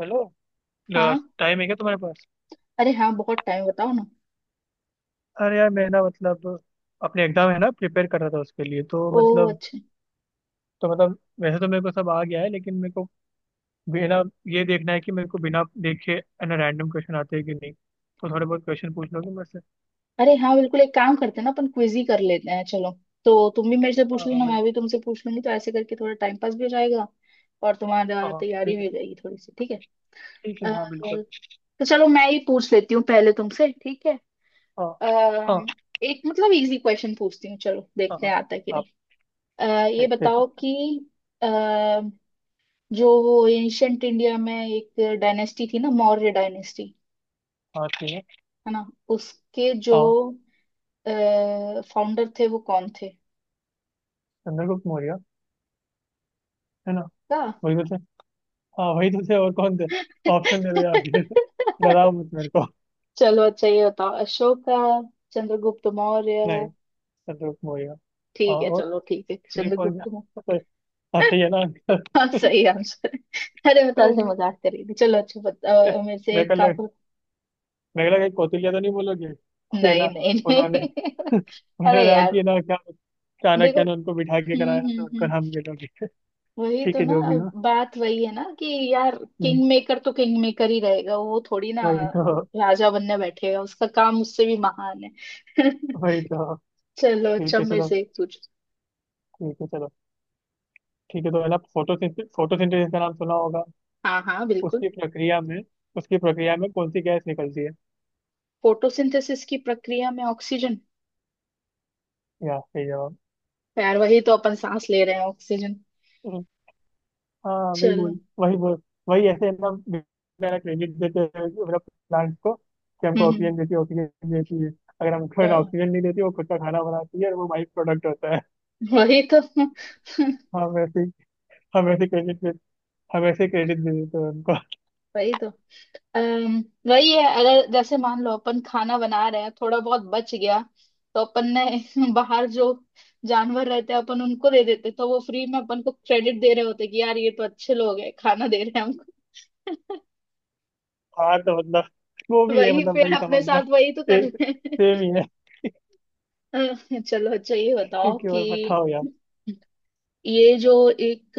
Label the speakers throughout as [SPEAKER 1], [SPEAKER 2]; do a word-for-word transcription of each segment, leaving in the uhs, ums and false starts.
[SPEAKER 1] Hello.
[SPEAKER 2] हाँ।
[SPEAKER 1] Time है क्या तुम्हारे पास?
[SPEAKER 2] अरे हाँ, बहुत टाइम, बताओ ना।
[SPEAKER 1] अरे यार मैं ना मतलब अपने एग्जाम है ना प्रिपेयर कर रहा था उसके लिए तो
[SPEAKER 2] ओ,
[SPEAKER 1] मतलब
[SPEAKER 2] अच्छा।
[SPEAKER 1] तो मतलब वैसे तो मेरे को सब आ गया है लेकिन मेरे को बिना, ये देखना है कि मेरे को बिना देखे है ना रैंडम क्वेश्चन आते हैं कि नहीं। तो थोड़े बहुत क्वेश्चन पूछ लोगे मेरे से?
[SPEAKER 2] अरे हाँ, बिल्कुल, एक काम करते हैं ना, अपन क्विज ही कर लेते हैं। चलो तो तुम भी मेरे से
[SPEAKER 1] हाँ
[SPEAKER 2] पूछ
[SPEAKER 1] हाँ
[SPEAKER 2] लेना,
[SPEAKER 1] भाई।
[SPEAKER 2] मैं भी तुमसे पूछ लूंगी, तो ऐसे करके थोड़ा टाइम पास भी हो जाएगा और
[SPEAKER 1] हाँ
[SPEAKER 2] तुम्हारा
[SPEAKER 1] हाँ
[SPEAKER 2] तैयारी
[SPEAKER 1] ठीक है।
[SPEAKER 2] भी हो जाएगी थोड़ी सी। ठीक है।
[SPEAKER 1] ठीक है
[SPEAKER 2] अ,
[SPEAKER 1] हाँ बिल्कुल।
[SPEAKER 2] तो चलो मैं ही पूछ लेती हूँ पहले तुमसे, ठीक है।
[SPEAKER 1] हाँ
[SPEAKER 2] अ,
[SPEAKER 1] हाँ।
[SPEAKER 2] एक मतलब इजी क्वेश्चन पूछती हूँ, चलो
[SPEAKER 1] हाँ
[SPEAKER 2] देखते
[SPEAKER 1] हाँ।
[SPEAKER 2] हैं आता है कि नहीं।
[SPEAKER 1] आप?
[SPEAKER 2] अ, ये
[SPEAKER 1] देखते हैं।
[SPEAKER 2] बताओ कि अ, जो वो एंशंट इंडिया में एक डायनेस्टी थी ना, मौर्य डायनेस्टी,
[SPEAKER 1] हाँ ठीक है।
[SPEAKER 2] है ना, उसके जो
[SPEAKER 1] हाँ।
[SPEAKER 2] फाउंडर थे वो कौन थे?
[SPEAKER 1] चंद्रगुप्त मौर्य है ना?
[SPEAKER 2] का।
[SPEAKER 1] वही तो थे। हाँ वही तो थे, और कौन थे? ऑप्शन दे दो यार डराओ मत मेरे को।
[SPEAKER 2] चलो अच्छा, ये बताओ: अशोका, चंद्रगुप्त मौर्य।
[SPEAKER 1] नहीं। संदूक मोया। हाँ।
[SPEAKER 2] ठीक है
[SPEAKER 1] और
[SPEAKER 2] चलो, ठीक है,
[SPEAKER 1] थ्री फोर।
[SPEAKER 2] चंद्रगुप्त मौर्य।
[SPEAKER 1] हाँ सही है ना
[SPEAKER 2] हाँ,
[SPEAKER 1] अंकल।
[SPEAKER 2] सही आंसर है। अरे बता,
[SPEAKER 1] पता
[SPEAKER 2] से
[SPEAKER 1] नहीं।
[SPEAKER 2] मजाक करी थी। चलो अच्छा बता। अ, मेरे से
[SPEAKER 1] मेरे
[SPEAKER 2] एक
[SPEAKER 1] को
[SPEAKER 2] काम
[SPEAKER 1] लग
[SPEAKER 2] करो।
[SPEAKER 1] मेरे को लगा कौटिल्य तो नहीं बोलोगे ये
[SPEAKER 2] नहीं
[SPEAKER 1] ना।
[SPEAKER 2] नहीं
[SPEAKER 1] उन्होंने
[SPEAKER 2] नहीं।
[SPEAKER 1] उन्होंने
[SPEAKER 2] अरे
[SPEAKER 1] रहा
[SPEAKER 2] यार,
[SPEAKER 1] कि ना क्या,
[SPEAKER 2] देखो।
[SPEAKER 1] चाणक्य ने उनको बिठा के
[SPEAKER 2] हम्म
[SPEAKER 1] कराया
[SPEAKER 2] हम्म
[SPEAKER 1] तो उनको
[SPEAKER 2] हम्म।
[SPEAKER 1] नाम ले लोगे।
[SPEAKER 2] वही तो
[SPEAKER 1] ठीक है
[SPEAKER 2] ना,
[SPEAKER 1] जो भी हो।
[SPEAKER 2] बात वही है ना कि, यार,
[SPEAKER 1] हम्म,
[SPEAKER 2] किंग मेकर तो किंग मेकर ही रहेगा, वो थोड़ी ना
[SPEAKER 1] वही तो।
[SPEAKER 2] राजा बनने बैठेगा। उसका काम उससे भी महान है।
[SPEAKER 1] वही तो।
[SPEAKER 2] चलो
[SPEAKER 1] ठीक
[SPEAKER 2] अच्छा,
[SPEAKER 1] है
[SPEAKER 2] मेरे
[SPEAKER 1] चलो।
[SPEAKER 2] से एक पूछ।
[SPEAKER 1] ठीक है चलो। ठीक है तो है ना फोटोसिंथेसिस, फोटोसिंथेसिस का नाम सुना होगा।
[SPEAKER 2] हाँ हाँ बिल्कुल।
[SPEAKER 1] उसकी प्रक्रिया में, उसकी प्रक्रिया में कौन सी गैस निकलती है?
[SPEAKER 2] फोटोसिंथेसिस की प्रक्रिया में ऑक्सीजन।
[SPEAKER 1] या सही जवाब।
[SPEAKER 2] यार वही तो अपन सांस ले रहे हैं, ऑक्सीजन।
[SPEAKER 1] हाँ वही
[SPEAKER 2] चलो।
[SPEAKER 1] बोल, वही बोल। वही ऐसे है ना। मेरा क्रेडिट देते हैं मतलब प्लांट को कि
[SPEAKER 2] हम्म
[SPEAKER 1] हमको
[SPEAKER 2] हम्म,
[SPEAKER 1] ऑक्सीजन देती है, ऑक्सीजन देती है। अगर हमको
[SPEAKER 2] तो
[SPEAKER 1] है ना ऑक्सीजन नहीं देती वो, खुद का खाना बनाती है और वो बाई प्रोडक्ट होता है।
[SPEAKER 2] वही तो।
[SPEAKER 1] हम ऐसे ही- हम ऐसे क्रेडिट दे हम ऐसे क्रेडिट दे देते हैं उनको।
[SPEAKER 2] वही तो। अम्म, वही है। अगर जैसे मान लो अपन खाना बना रहे हैं, थोड़ा बहुत बच गया तो अपन ने बाहर जो जानवर रहते हैं अपन उनको दे देते, तो वो फ्री में अपन को क्रेडिट दे रहे होते कि यार ये तो अच्छे लोग हैं, खाना दे रहे हैं हमको।
[SPEAKER 1] हाँ तो मतलब वो भी है,
[SPEAKER 2] वही
[SPEAKER 1] मतलब
[SPEAKER 2] पेड़
[SPEAKER 1] वही
[SPEAKER 2] अपने
[SPEAKER 1] समझ लो।
[SPEAKER 2] साथ वही तो कर
[SPEAKER 1] एक
[SPEAKER 2] रहे हैं।
[SPEAKER 1] सेम ही है।
[SPEAKER 2] अ, चलो अच्छा, ये बताओ
[SPEAKER 1] कि
[SPEAKER 2] कि
[SPEAKER 1] और बताओ यार।
[SPEAKER 2] ये जो एक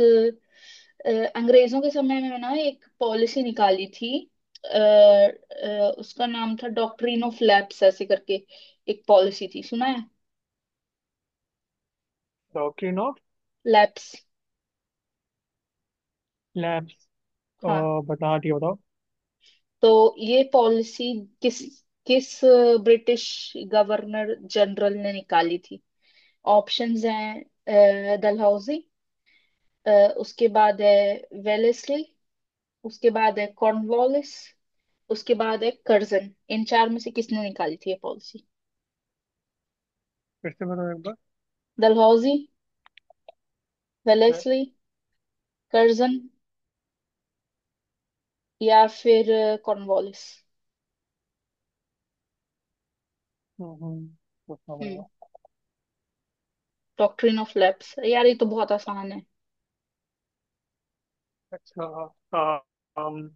[SPEAKER 2] अ, अंग्रेजों के समय में ना एक पॉलिसी निकाली थी, अ, अ, उसका नाम था डॉक्ट्रिन ऑफ लैप्स ऐसे करके, एक पॉलिसी थी, सुना है?
[SPEAKER 1] Doctrine of
[SPEAKER 2] lapse,
[SPEAKER 1] lapse.
[SPEAKER 2] हाँ।
[SPEAKER 1] बता दिया बताओ।
[SPEAKER 2] तो ये पॉलिसी किस, किस ब्रिटिश गवर्नर जनरल ने निकाली थी? ऑप्शंस हैं: अ, डलहौजी, अ, उसके बाद है वेलेस्ली, उसके बाद है कॉर्नवालिस, उसके बाद है कर्जन। इन चार में से किसने निकाली थी ये पॉलिसी?
[SPEAKER 1] फिर से बताओ एक बार।
[SPEAKER 2] डलहौजी, वेलेस्ली, कर्जन या फिर अ, कॉर्नवालिस।
[SPEAKER 1] हम्म हम्म, पूछना
[SPEAKER 2] हम्म,
[SPEAKER 1] पड़ेगा।
[SPEAKER 2] डॉक्ट्रिन ऑफ लैप्स, यार ये तो बहुत आसान है।
[SPEAKER 1] अच्छा। हाँ। um,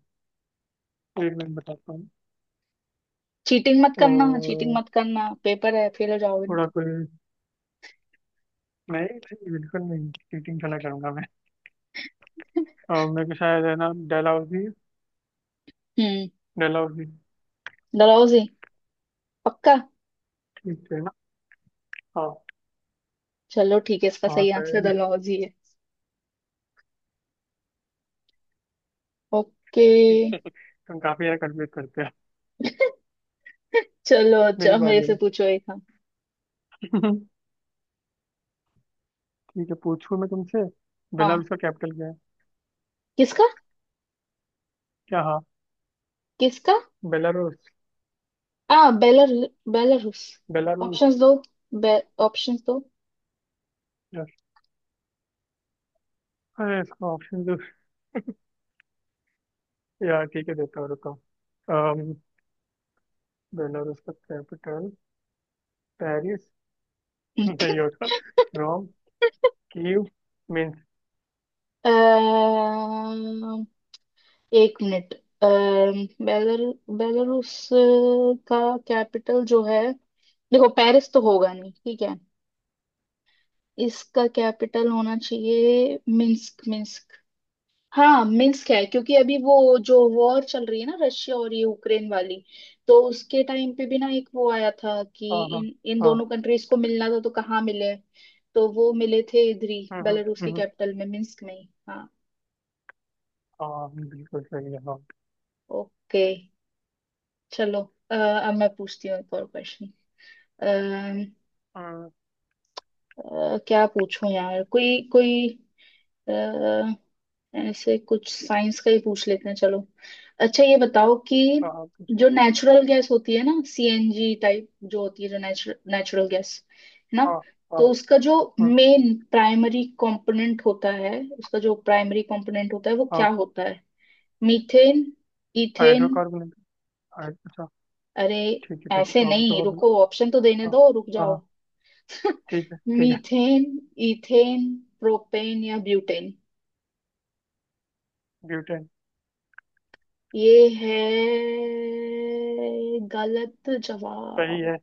[SPEAKER 1] एक मिनट बताता हूँ।
[SPEAKER 2] चीटिंग मत करना, चीटिंग
[SPEAKER 1] तो
[SPEAKER 2] मत करना, पेपर है, फेल हो जाओगे।
[SPEAKER 1] थोड़ा कोई, नहीं नहीं, बिल्कुल नहीं, चीटिंग थोड़ा करूंगा मैं। और मेरे को शायद है ना, डेलहाउजी।
[SPEAKER 2] हम्म।
[SPEAKER 1] डेलहाउजी।
[SPEAKER 2] डलहौजी? पक्का?
[SPEAKER 1] ठीक है ना? हाँ।
[SPEAKER 2] चलो ठीक है, इसका
[SPEAKER 1] हाँ
[SPEAKER 2] सही आंसर
[SPEAKER 1] शायद।
[SPEAKER 2] डलहौजी है। ओके।
[SPEAKER 1] तुम काफी यार कंफ्यूज करते हो।
[SPEAKER 2] चलो
[SPEAKER 1] मेरी
[SPEAKER 2] अच्छा, मेरे
[SPEAKER 1] बारी
[SPEAKER 2] से
[SPEAKER 1] अब।
[SPEAKER 2] पूछो एक हम।
[SPEAKER 1] ठीक है पूछूं मैं तुमसे?
[SPEAKER 2] हाँ।
[SPEAKER 1] बेलारूस का कैपिटल क्या है?
[SPEAKER 2] किसका?
[SPEAKER 1] क्या हाँ?
[SPEAKER 2] किसका?
[SPEAKER 1] बेलारूस।
[SPEAKER 2] आ, बेलर, बेलारूस।
[SPEAKER 1] बेलारूस।
[SPEAKER 2] ऑप्शंस दो, बे, ऑप्शंस दो।
[SPEAKER 1] यस। अरे इसका ऑप्शन तो, यार ठीक है देता हूँ रुको। अम, बेलारूस का कैपिटल। पेरिस। नहीं होगा। रोम। कीव। मिन्स।
[SPEAKER 2] अम्म, एक मिनट। अम्म, बेलर, बेलारूस का कैपिटल जो है, देखो पेरिस तो होगा नहीं, ठीक है। इसका कैपिटल होना चाहिए मिन्स्क। मिन्स्क, हाँ मिन्स्क है, क्योंकि अभी वो जो वॉर चल रही है ना, रशिया और ये यूक्रेन वाली, तो उसके टाइम पे भी ना एक वो आया था कि
[SPEAKER 1] हाँ हाँ
[SPEAKER 2] इन इन
[SPEAKER 1] हाँ।
[SPEAKER 2] दोनों कंट्रीज को मिलना था तो कहाँ मिले, तो वो मिले थे इधर ही,
[SPEAKER 1] हम्म हम्म,
[SPEAKER 2] बेलारूस की
[SPEAKER 1] हम्म,
[SPEAKER 2] कैपिटल में, मिन्स्क में ही, हाँ।
[SPEAKER 1] हाँ बिल्कुल सही है हाँ।
[SPEAKER 2] ओके, चलो। अ, अब मैं पूछती हूँ एक और क्वेश्चन।
[SPEAKER 1] अ,
[SPEAKER 2] क्या पूछूं यार, कोई, कोई ऐसे कुछ साइंस का ही पूछ लेते हैं चलो। अच्छा ये बताओ कि
[SPEAKER 1] अ,
[SPEAKER 2] जो
[SPEAKER 1] कुछ-
[SPEAKER 2] नेचुरल गैस होती है ना, सीएनजी टाइप जो होती है, जो नेचुरल नेचुरल गैस है ना,
[SPEAKER 1] अ, अ,
[SPEAKER 2] तो उसका जो
[SPEAKER 1] अ,
[SPEAKER 2] मेन प्राइमरी कंपोनेंट होता है, उसका जो प्राइमरी कंपोनेंट होता है वो
[SPEAKER 1] अ,
[SPEAKER 2] क्या होता है? Methane, ethane,
[SPEAKER 1] hydrocarbon. हाइ- अच्छा।
[SPEAKER 2] अरे
[SPEAKER 1] ठीक है ठीक
[SPEAKER 2] ऐसे
[SPEAKER 1] है, और पूछो
[SPEAKER 2] नहीं,
[SPEAKER 1] और बोलो।
[SPEAKER 2] रुको, ऑप्शन तो देने
[SPEAKER 1] हाँ
[SPEAKER 2] दो, रुक
[SPEAKER 1] हाँ
[SPEAKER 2] जाओ।
[SPEAKER 1] हाँ, ठीक है ठीक है।
[SPEAKER 2] मीथेन, इथेन, प्रोपेन या ब्यूटेन।
[SPEAKER 1] ब्यूटेन।
[SPEAKER 2] ये है गलत
[SPEAKER 1] सही
[SPEAKER 2] जवाब।
[SPEAKER 1] है।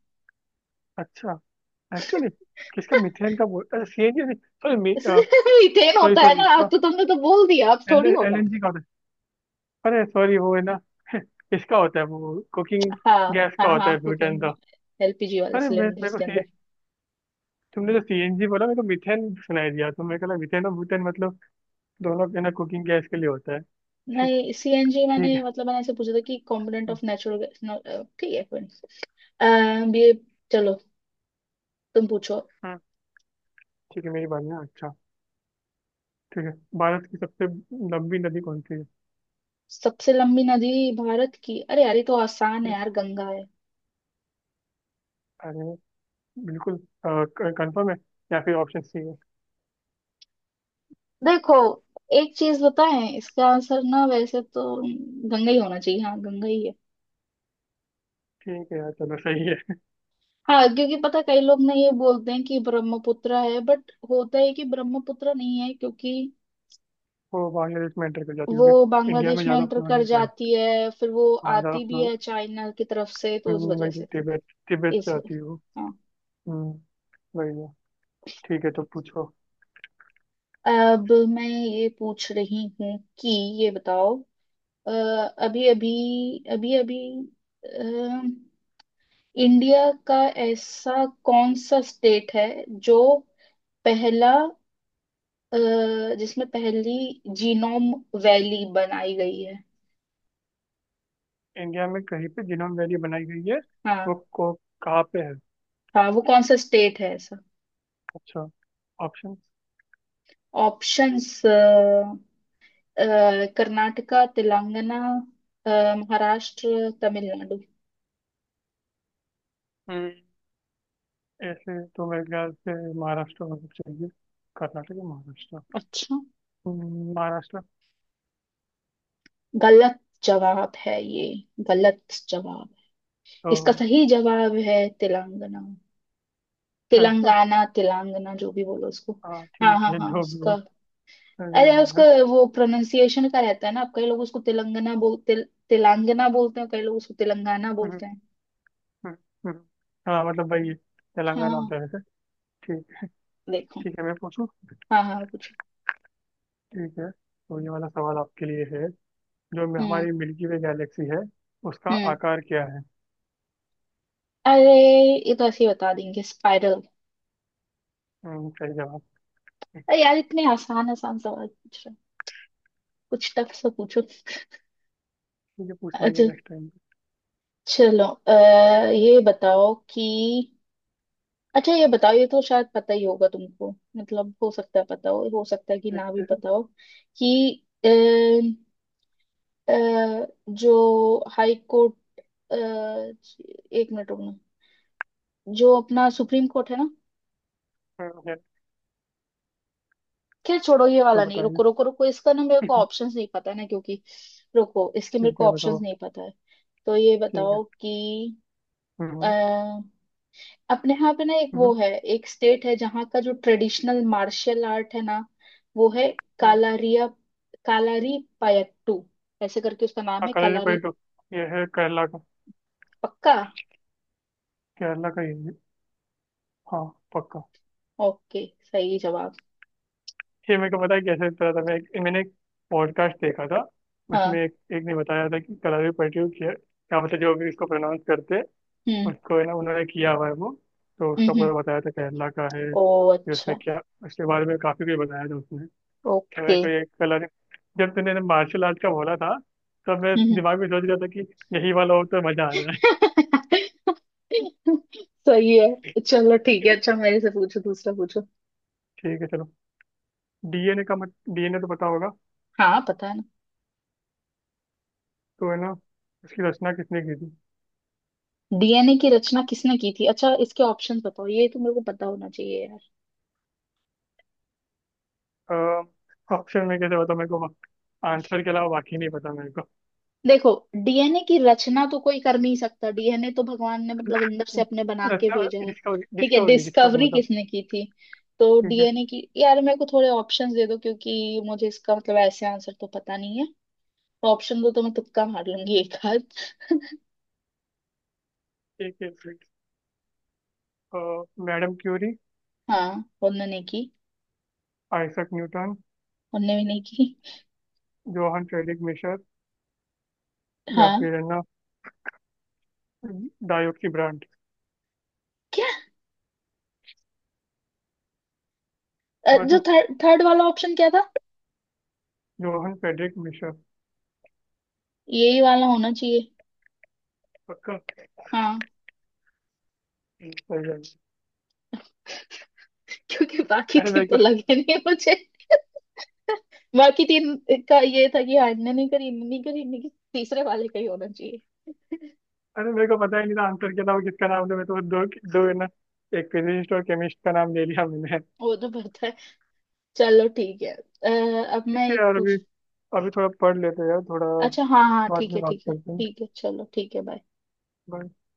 [SPEAKER 1] अच्छा। एक्चुअली किसका? मिथेन का बोल अच्छा? C N G. सॉरी
[SPEAKER 2] इसमें मीथेन
[SPEAKER 1] सॉरी
[SPEAKER 2] होता है
[SPEAKER 1] सॉरी।
[SPEAKER 2] ना, आप
[SPEAKER 1] इसका
[SPEAKER 2] तो, तुमने तो बोल दिया, अब
[SPEAKER 1] एल,
[SPEAKER 2] थोड़ी होगा।
[SPEAKER 1] एलएनजी का होता है। अरे सॉरी, वो है ना इसका होता है वो, कुकिंग
[SPEAKER 2] हाँ
[SPEAKER 1] गैस का
[SPEAKER 2] हाँ
[SPEAKER 1] होता
[SPEAKER 2] हाँ,
[SPEAKER 1] है ब्यूटेन
[SPEAKER 2] कुकिंग,
[SPEAKER 1] तो।
[SPEAKER 2] एलपीजी वाले
[SPEAKER 1] अरे मैं मेरे
[SPEAKER 2] सिलेंडर्स
[SPEAKER 1] को
[SPEAKER 2] के अंदर।
[SPEAKER 1] सी तुमने जो सी एन जी बोला मेरे को मिथेन सुनाई दिया, तो मेरे को लगा मिथेन और ब्यूटेन दोनों के ना कुकिंग गैस के लिए होता है। ठीक।
[SPEAKER 2] नहीं, सीएनजी
[SPEAKER 1] ठीक
[SPEAKER 2] मैंने
[SPEAKER 1] है।
[SPEAKER 2] मतलब मैंने ऐसे पूछा था कि कंपोनेंट ऑफ नेचुरल गैस। ठीक है कोई नहीं। अम, ये, चलो, तुम पूछो।
[SPEAKER 1] हाँ ठीक है मेरी बात ना, अच्छा ठीक है। भारत की सबसे लंबी नदी कौन सी है?
[SPEAKER 2] सबसे लंबी नदी भारत की, अरे यार ये तो आसान है
[SPEAKER 1] यस।
[SPEAKER 2] यार, गंगा है।
[SPEAKER 1] अरे बिल्कुल। कंफर्म है या फिर ऑप्शन सी है?
[SPEAKER 2] देखो, एक चीज बताएं, इसका आंसर ना, वैसे तो गंगा ही होना चाहिए, हाँ गंगा ही है।
[SPEAKER 1] ठीक है यार चलो सही है।
[SPEAKER 2] हाँ, क्योंकि पता, कई लोग ना ये बोलते हैं कि ब्रह्मपुत्र है, बट होता है कि ब्रह्मपुत्र नहीं है क्योंकि
[SPEAKER 1] वो बांग्लादेश में एंटर कर जाती है
[SPEAKER 2] वो
[SPEAKER 1] क्योंकि इंडिया में
[SPEAKER 2] बांग्लादेश में
[SPEAKER 1] ज़्यादा
[SPEAKER 2] एंटर
[SPEAKER 1] फ्लो
[SPEAKER 2] कर
[SPEAKER 1] नहीं कर,
[SPEAKER 2] जाती है, फिर वो
[SPEAKER 1] हाँ ज़्यादा
[SPEAKER 2] आती भी
[SPEAKER 1] फ्लो,
[SPEAKER 2] है चाइना की तरफ से, तो उस वजह
[SPEAKER 1] वही तो
[SPEAKER 2] से,
[SPEAKER 1] तिब्बत, तिब्बत से
[SPEAKER 2] इस,
[SPEAKER 1] आती है वो।
[SPEAKER 2] हाँ।
[SPEAKER 1] हम्म, वही है। ठीक है तो पूछो।
[SPEAKER 2] अब मैं ये पूछ रही हूँ कि ये बताओ, अभी अभी, अभी अभी इंडिया का ऐसा कौन सा स्टेट है जो पहला, अ, जिसमें पहली जीनोम वैली बनाई गई है?
[SPEAKER 1] इंडिया में कहीं पे जिनोम वैली बनाई गई है?
[SPEAKER 2] हाँ,
[SPEAKER 1] वो को, कहाँ पे है?
[SPEAKER 2] हाँ वो कौन सा स्टेट है ऐसा?
[SPEAKER 1] अच्छा। ऑप्शन?
[SPEAKER 2] ऑप्शंस: कर्नाटका, तेलंगाना, अ, महाराष्ट्र, तमिलनाडु।
[SPEAKER 1] ऐसे तो मेरे ख्याल से महाराष्ट्र में सब चाहिए। कर्नाटक या महाराष्ट्र।
[SPEAKER 2] अच्छा,
[SPEAKER 1] हम्म, महाराष्ट्र।
[SPEAKER 2] गलत जवाब है ये, गलत जवाब।
[SPEAKER 1] तो
[SPEAKER 2] इसका सही जवाब है तेलंगाना।
[SPEAKER 1] अच्छा है इसका?
[SPEAKER 2] तेलंगाना, तेलंगाना, जो भी बोलो उसको।
[SPEAKER 1] हाँ
[SPEAKER 2] हाँ
[SPEAKER 1] ठीक
[SPEAKER 2] हाँ
[SPEAKER 1] है
[SPEAKER 2] हाँ,
[SPEAKER 1] जो भी हो।
[SPEAKER 2] उसका,
[SPEAKER 1] अरे
[SPEAKER 2] अरे उसका
[SPEAKER 1] यार।
[SPEAKER 2] वो प्रोनाउंसिएशन का रहता है ना, अब कई लोग उसको तेलंगाना बोल, तिल, तेलंगाना बोलते हैं, कई लोग उसको तेलंगाना
[SPEAKER 1] हम्म,
[SPEAKER 2] बोलते हैं।
[SPEAKER 1] हम्म, हम्म। हाँ मतलब भाई, तेलंगाना होता
[SPEAKER 2] हाँ।
[SPEAKER 1] है वैसे। ठीक।
[SPEAKER 2] देखो।
[SPEAKER 1] ठीक है मैं पूछूं?
[SPEAKER 2] हाँ हाँ कुछ।
[SPEAKER 1] ठीक है तो ये वाला सवाल आपके लिए है। जो मे-
[SPEAKER 2] हम्म
[SPEAKER 1] हमारी मिल्की वे गैलेक्सी है, उसका
[SPEAKER 2] हम्म।
[SPEAKER 1] आकार क्या है?
[SPEAKER 2] अरे ये तो ऐसे ही बता देंगे, स्पाइरल।
[SPEAKER 1] हम्म, सही जवाब।
[SPEAKER 2] अरे यार, इतने आसान आसान सवाल पूछ रहे हो। कुछ टफ सा पूछो।
[SPEAKER 1] ठीक है पूछ लेंगे
[SPEAKER 2] अच्छा
[SPEAKER 1] नेक्स्ट टाइम।
[SPEAKER 2] चलो आ, ये बताओ कि, अच्छा ये बताओ, ये तो शायद पता ही होगा तुमको, मतलब हो सकता है पता हो हो सकता है कि ना भी
[SPEAKER 1] देखते हैं।
[SPEAKER 2] पता हो कि अ, जो हाई कोर्ट, अ, एक मिनट रुकना, जो अपना सुप्रीम कोर्ट है ना,
[SPEAKER 1] हम्म, है,
[SPEAKER 2] खैर छोड़ो ये
[SPEAKER 1] तो
[SPEAKER 2] वाला नहीं,
[SPEAKER 1] बताइए
[SPEAKER 2] रुको रुको रुको, इसका ना मेरे को ऑप्शंस नहीं पता है ना, क्योंकि रुको, इसके मेरे
[SPEAKER 1] ठीक
[SPEAKER 2] को
[SPEAKER 1] है
[SPEAKER 2] ऑप्शंस
[SPEAKER 1] बताओ।
[SPEAKER 2] नहीं पता है। तो ये
[SPEAKER 1] ठीक है।
[SPEAKER 2] बताओ कि अ,
[SPEAKER 1] हम्म
[SPEAKER 2] अपने यहाँ पे ना एक वो
[SPEAKER 1] हम्म,
[SPEAKER 2] है, एक स्टेट है जहाँ का जो ट्रेडिशनल मार्शल आर्ट है ना, वो है
[SPEAKER 1] हम्म।
[SPEAKER 2] कालारिया, कालारी पायट्टू ऐसे करके, उसका नाम है कालारी।
[SPEAKER 1] कलरीपयट्टू। ये है केरला का।
[SPEAKER 2] पक्का।
[SPEAKER 1] केरला का ये है। हाँ। पक्का।
[SPEAKER 2] ओके, सही जवाब।
[SPEAKER 1] ये मेरे को पता है। कैसे पता था, मैं एक, मैंने एक पॉडकास्ट देखा था।
[SPEAKER 2] हाँ।
[SPEAKER 1] उसमें एक, एक ने बताया था कि कलरीपयट्टू क्या, क्या मतलब जो भी इसको प्रोनाउंस करते हैं,
[SPEAKER 2] हम्म
[SPEAKER 1] उसको है ना उन्होंने किया हुआ है वो। तो उसका
[SPEAKER 2] हम्म।
[SPEAKER 1] पूरा बताया था केरला का है
[SPEAKER 2] ओ,
[SPEAKER 1] कि उसमें
[SPEAKER 2] अच्छा।
[SPEAKER 1] क्या, उसके बारे में काफी कुछ बताया था उसने। क्या मेरे
[SPEAKER 2] ओके।
[SPEAKER 1] को ये कलरी, जब तूने ना मार्शल आर्ट का बोला था, तब मैं
[SPEAKER 2] हम्म।
[SPEAKER 1] दिमाग में सोच रहा था कि यही वाला हो तो मजा आ जाए।
[SPEAKER 2] सही है, चलो ठीक है। अच्छा मेरे से पूछो, दूसरा पूछो।
[SPEAKER 1] ठीक है चलो। डी एन ए का मत, डी एन ए तो पता होगा,
[SPEAKER 2] हाँ, पता है ना।
[SPEAKER 1] तो है ना इसकी रचना किसने की थी?
[SPEAKER 2] डीएनए की रचना किसने की थी? अच्छा इसके ऑप्शन बताओ, ये तो मेरे को पता होना चाहिए यार।
[SPEAKER 1] ऑप्शन में कैसे बताऊँ मेरे को? आंसर के अलावा बाकी नहीं पता मेरे को।
[SPEAKER 2] देखो, डीएनए की रचना तो कोई कर नहीं सकता, डीएनए तो भगवान ने मतलब अंदर से अपने बना के
[SPEAKER 1] रचना,
[SPEAKER 2] भेजा है।
[SPEAKER 1] डिस्कवरी
[SPEAKER 2] ठीक है,
[SPEAKER 1] डिस्कवरी डिस्कवरी
[SPEAKER 2] डिस्कवरी
[SPEAKER 1] मतलब।
[SPEAKER 2] किसने की थी तो
[SPEAKER 1] ठीक है।
[SPEAKER 2] डीएनए की, यार मेरे को थोड़े ऑप्शंस दे दो क्योंकि मुझे इसका मतलब ऐसे आंसर तो पता नहीं है। ऑप्शन दो तो मैं तुक्का मार लूंगी एक।
[SPEAKER 1] एक एक मिनट। Madam Curie.
[SPEAKER 2] हाँ, उनने नहीं की।
[SPEAKER 1] Isaac Newton.
[SPEAKER 2] उनने भी नहीं की।
[SPEAKER 1] Johann Friedrich Miescher. या
[SPEAKER 2] हाँ।
[SPEAKER 1] फिर है ना डायोड की ब्रांड।
[SPEAKER 2] क्या? अ, जो
[SPEAKER 1] बोलो।
[SPEAKER 2] थर्ड थर्ड वाला ऑप्शन क्या था?
[SPEAKER 1] Johann Friedrich Miescher.
[SPEAKER 2] यही वाला होना चाहिए।
[SPEAKER 1] पक्का।
[SPEAKER 2] हाँ,
[SPEAKER 1] हम्म, सही है।
[SPEAKER 2] क्योंकि बाकी
[SPEAKER 1] अरे
[SPEAKER 2] तीन
[SPEAKER 1] मेरे
[SPEAKER 2] तो
[SPEAKER 1] को
[SPEAKER 2] लगे नहीं मुझे। बाकी तीन का ये था कि हाँ, इनने नहीं करी, इनने नहीं करी, इनने की, तीसरे वाले का ही होना चाहिए।
[SPEAKER 1] अरे मेरे को पता ही नहीं था आंसर के अलावा किसका नाम था। मैं तो दो, दो है ना, एक फिजिस्ट और केमिस्ट का नाम ले लिया मैंने।
[SPEAKER 2] वो तो पता है। चलो ठीक है। अ, अब
[SPEAKER 1] ठीक
[SPEAKER 2] मैं
[SPEAKER 1] है
[SPEAKER 2] एक
[SPEAKER 1] यार, अभी
[SPEAKER 2] पूछ।
[SPEAKER 1] अभी थोड़ा पढ़ लेते हैं यार थोड़ा।
[SPEAKER 2] अच्छा हाँ हाँ,
[SPEAKER 1] बाद
[SPEAKER 2] ठीक
[SPEAKER 1] में
[SPEAKER 2] है
[SPEAKER 1] बात
[SPEAKER 2] ठीक है
[SPEAKER 1] करते हैं।
[SPEAKER 2] ठीक है, चलो ठीक है, बाय।
[SPEAKER 1] Bye।